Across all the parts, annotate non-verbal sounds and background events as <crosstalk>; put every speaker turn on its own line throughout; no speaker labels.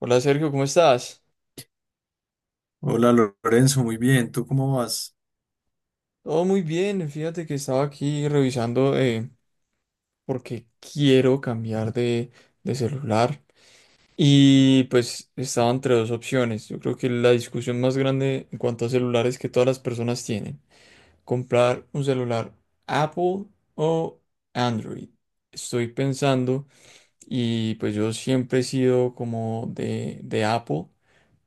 Hola Sergio, ¿cómo estás?
Hola Lorenzo, muy bien, ¿tú cómo vas?
Todo muy bien, fíjate que estaba aquí revisando porque quiero cambiar de celular y pues estaba entre dos opciones. Yo creo que la discusión más grande en cuanto a celulares que todas las personas tienen, comprar un celular Apple o Android. Estoy pensando y pues yo siempre he sido como de Apple,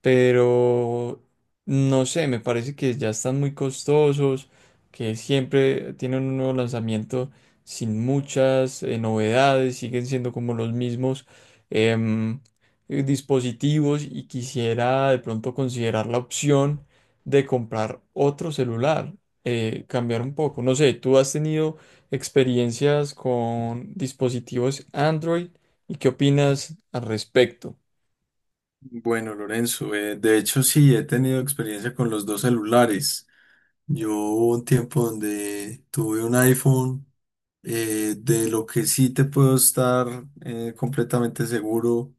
pero no sé, me parece que ya están muy costosos, que siempre tienen un nuevo lanzamiento sin muchas novedades, siguen siendo como los mismos em, dispositivos y quisiera de pronto considerar la opción de comprar otro celular, cambiar un poco. No sé, ¿tú has tenido experiencias con dispositivos Android y qué opinas al respecto?
Bueno, Lorenzo, de hecho sí, he tenido experiencia con los dos celulares. Yo hubo un tiempo donde tuve un iPhone, de lo que sí te puedo estar completamente seguro,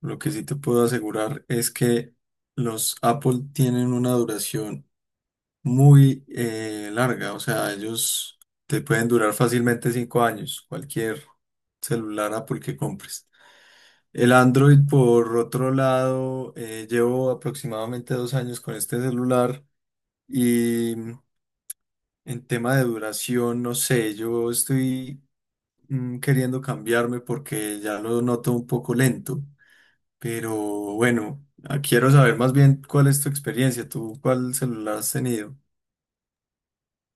lo que sí te puedo asegurar es que los Apple tienen una duración muy larga, o sea, ellos te pueden durar fácilmente 5 años, cualquier celular Apple que compres. El Android, por otro lado, llevo aproximadamente 2 años con este celular y en tema de duración, no sé, yo estoy queriendo cambiarme porque ya lo noto un poco lento, pero bueno, quiero saber más bien cuál es tu experiencia, tú cuál celular has tenido.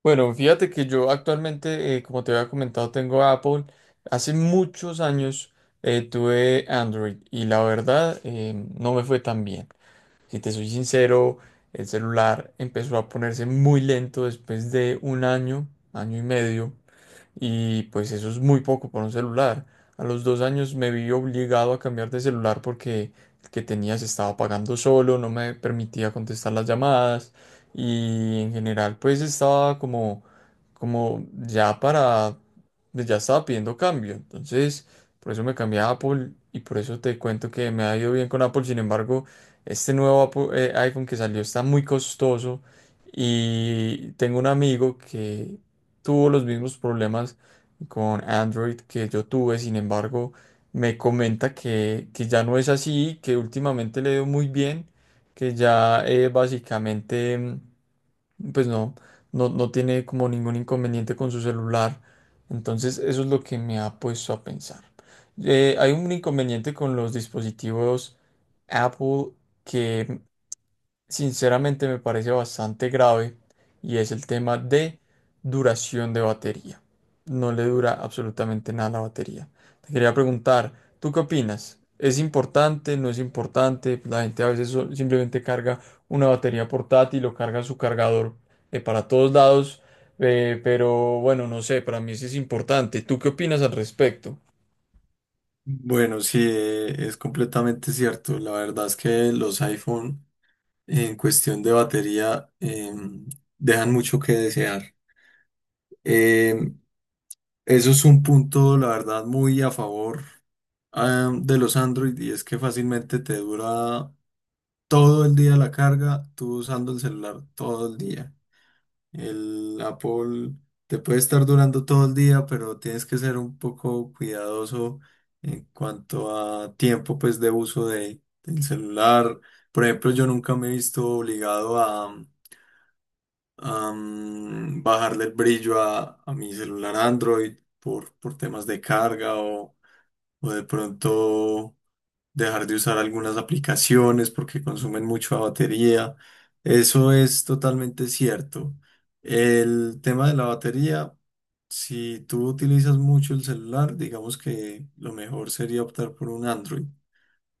Bueno, fíjate que yo actualmente, como te había comentado, tengo Apple. Hace muchos años tuve Android y la verdad no me fue tan bien. Si te soy sincero, el celular empezó a ponerse muy lento después de un año, año y medio, y pues eso es muy poco por un celular. A los dos años me vi obligado a cambiar de celular porque el que tenía se estaba apagando solo, no me permitía contestar las llamadas y en general pues estaba como, como ya para, pues, ya estaba pidiendo cambio. Entonces, por eso me cambié a Apple y por eso te cuento que me ha ido bien con Apple. Sin embargo, este nuevo iPhone que salió está muy costoso. Y tengo un amigo que tuvo los mismos problemas con Android que yo tuve. Sin embargo, me comenta que ya no es así, que últimamente le dio muy bien, que ya básicamente, pues no tiene como ningún inconveniente con su celular. Entonces, eso es lo que me ha puesto a pensar. Hay un inconveniente con los dispositivos Apple que sinceramente me parece bastante grave, y es el tema de duración de batería. No le dura absolutamente nada la batería. Te quería preguntar, ¿tú qué opinas? ¿Es importante? ¿No es importante? La gente a veces simplemente carga una batería portátil o carga su cargador para todos lados, pero bueno, no sé, para mí sí es importante. ¿Tú qué opinas al respecto?
Bueno, sí, es completamente cierto. La verdad es que los iPhone en cuestión de batería dejan mucho que desear. Em, Eso es un punto, la verdad, muy a favor, de los Android, y es que fácilmente te dura todo el día la carga, tú usando el celular todo el día. El Apple te puede estar durando todo el día, pero tienes que ser un poco cuidadoso en cuanto a tiempo, pues, de del celular. Por ejemplo, yo nunca me he visto obligado a bajarle el brillo a mi celular Android por temas de carga o de pronto dejar de usar algunas aplicaciones porque consumen mucha batería. Eso es totalmente cierto. El tema de la batería, si tú utilizas mucho el celular, digamos que lo mejor sería optar por un Android.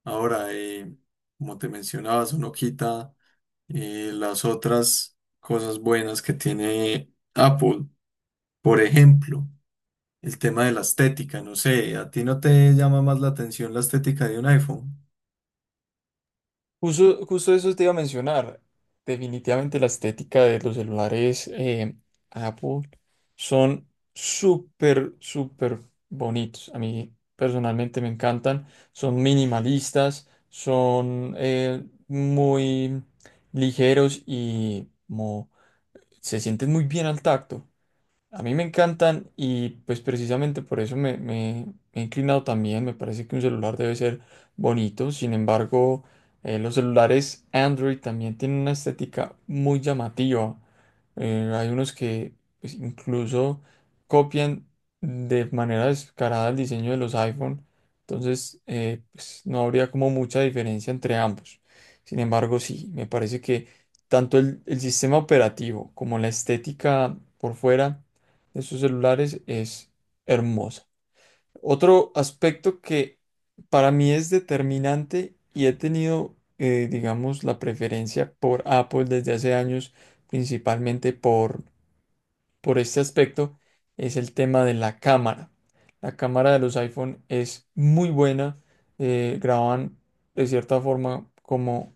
Ahora, como te mencionaba, eso no quita las otras cosas buenas que tiene Apple. Por ejemplo, el tema de la estética, no sé, ¿a ti no te llama más la atención la estética de un iPhone?
Justo, justo eso te iba a mencionar. Definitivamente la estética de los celulares Apple son súper, súper bonitos. A mí personalmente me encantan. Son minimalistas, son muy ligeros y se sienten muy bien al tacto. A mí me encantan y pues precisamente por eso me he inclinado también. Me parece que un celular debe ser bonito. Sin embargo, los celulares Android también tienen una estética muy llamativa. Hay unos que, pues, incluso copian de manera descarada el diseño de los iPhone. Entonces, pues, no habría como mucha diferencia entre ambos. Sin embargo, sí, me parece que tanto el sistema operativo como la estética por fuera de sus celulares es hermosa. Otro aspecto que para mí es determinante, y he tenido, digamos, la preferencia por Apple desde hace años, principalmente por este aspecto, es el tema de la cámara. La cámara de los iPhone es muy buena, graban de cierta forma como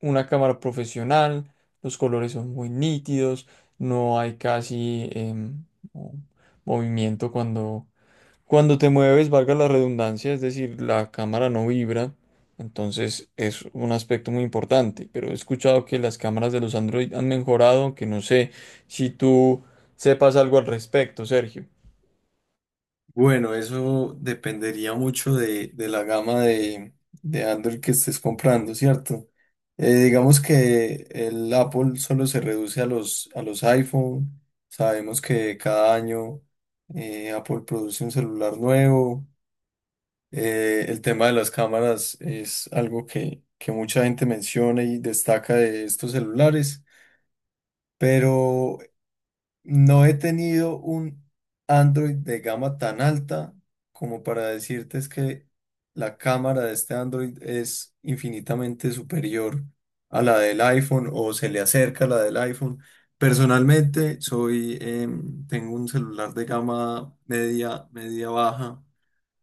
una cámara profesional, los colores son muy nítidos, no hay casi mo- movimiento cuando te mueves, valga la redundancia, es decir, la cámara no vibra, entonces es un aspecto muy importante, pero he escuchado que las cámaras de los Android han mejorado, que no sé si tú sepas algo al respecto, Sergio.
Bueno, eso dependería mucho de la gama de Android que estés comprando, ¿cierto? Digamos que el Apple solo se reduce a a los iPhone. Sabemos que cada año Apple produce un celular nuevo. El tema de las cámaras es algo que mucha gente menciona y destaca de estos celulares. Pero no he tenido un Android de gama tan alta como para decirte es que la cámara de este Android es infinitamente superior a la del iPhone o se le acerca a la del iPhone. Personalmente soy, tengo un celular de gama media, media baja,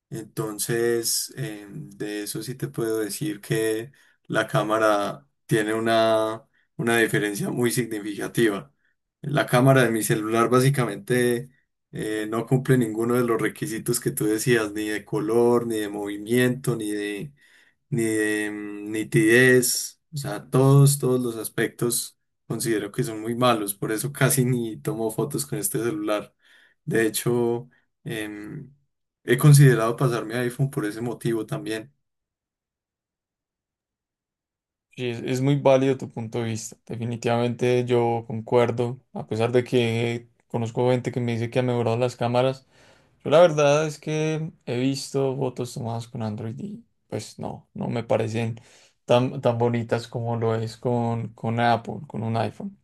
entonces, de eso sí te puedo decir que la cámara tiene una diferencia muy significativa. La cámara de mi celular básicamente no cumple ninguno de los requisitos que tú decías, ni de color, ni de movimiento, ni de nitidez. O sea, todos, todos los aspectos considero que son muy malos. Por eso casi ni tomo fotos con este celular. De hecho, em, he considerado pasarme a iPhone por ese motivo también.
Sí, es muy válido tu punto de vista. Definitivamente yo concuerdo, a pesar de que conozco gente que me dice que ha mejorado las cámaras. Yo la verdad es que he visto fotos tomadas con Android y pues no, no me parecen tan, tan bonitas como lo es con Apple, con un iPhone.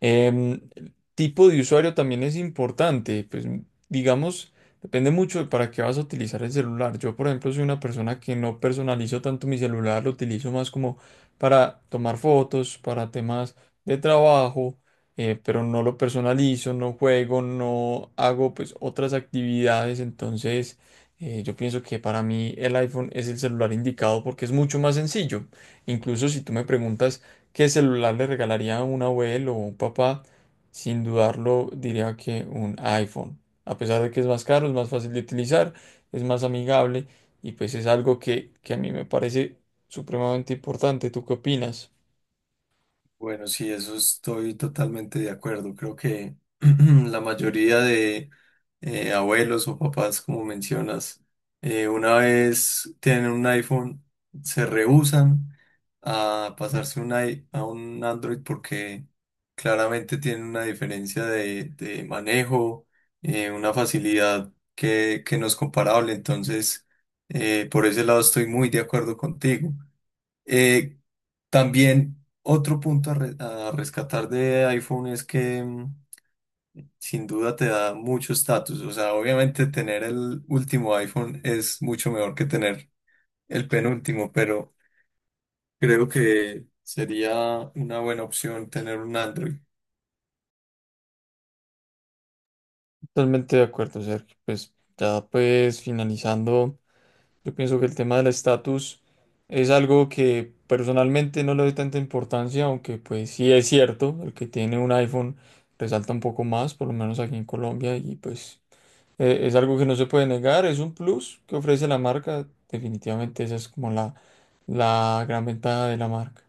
Em, Tipo de usuario también es importante, pues digamos, depende mucho de para qué vas a utilizar el celular. Yo, por ejemplo, soy una persona que no personalizo tanto mi celular, lo utilizo más como para tomar fotos, para temas de trabajo, pero no lo personalizo, no juego, no hago pues otras actividades. Entonces, yo pienso que para mí el iPhone es el celular indicado porque es mucho más sencillo. Incluso si tú me preguntas… ¿Qué celular le regalaría a un abuelo o un papá? Sin dudarlo, diría que un iPhone. A pesar de que es más caro, es más fácil de utilizar, es más amigable, y pues es algo que a mí me parece supremamente importante. ¿Tú qué opinas?
Bueno, sí, eso estoy totalmente de acuerdo. Creo que <clears throat> la mayoría de abuelos o papás, como mencionas, una vez tienen un iPhone, se rehúsan a pasarse un a un Android porque claramente tienen una diferencia de manejo, una facilidad que no es comparable. Entonces, por ese lado estoy muy de acuerdo contigo. Eh, También otro punto a rescatar de iPhone es que sin duda te da mucho estatus. O sea, obviamente tener el último iPhone es mucho mejor que tener el penúltimo, pero creo que sería una buena opción tener un Android.
Totalmente de acuerdo, Sergio. Pues ya, pues finalizando, yo pienso que el tema del estatus es algo que personalmente no le doy tanta importancia, aunque pues sí es cierto, el que tiene un iPhone resalta un poco más, por lo menos aquí en Colombia, y pues… es algo que no se puede negar, es un plus que ofrece la marca. Definitivamente esa es como la gran ventaja de la marca.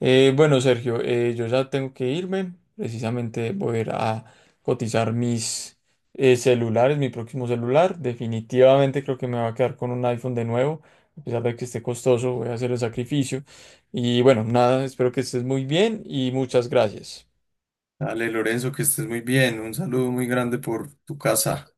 Bueno, Sergio, yo ya tengo que irme. Precisamente voy a ir a cotizar mis celulares, mi próximo celular. Definitivamente creo que me va a quedar con un iPhone de nuevo. A pesar de que esté costoso, voy a hacer el sacrificio. Y bueno, nada, espero que estés muy bien y muchas gracias.
Dale, Lorenzo, que estés muy bien. Un saludo muy grande por tu casa.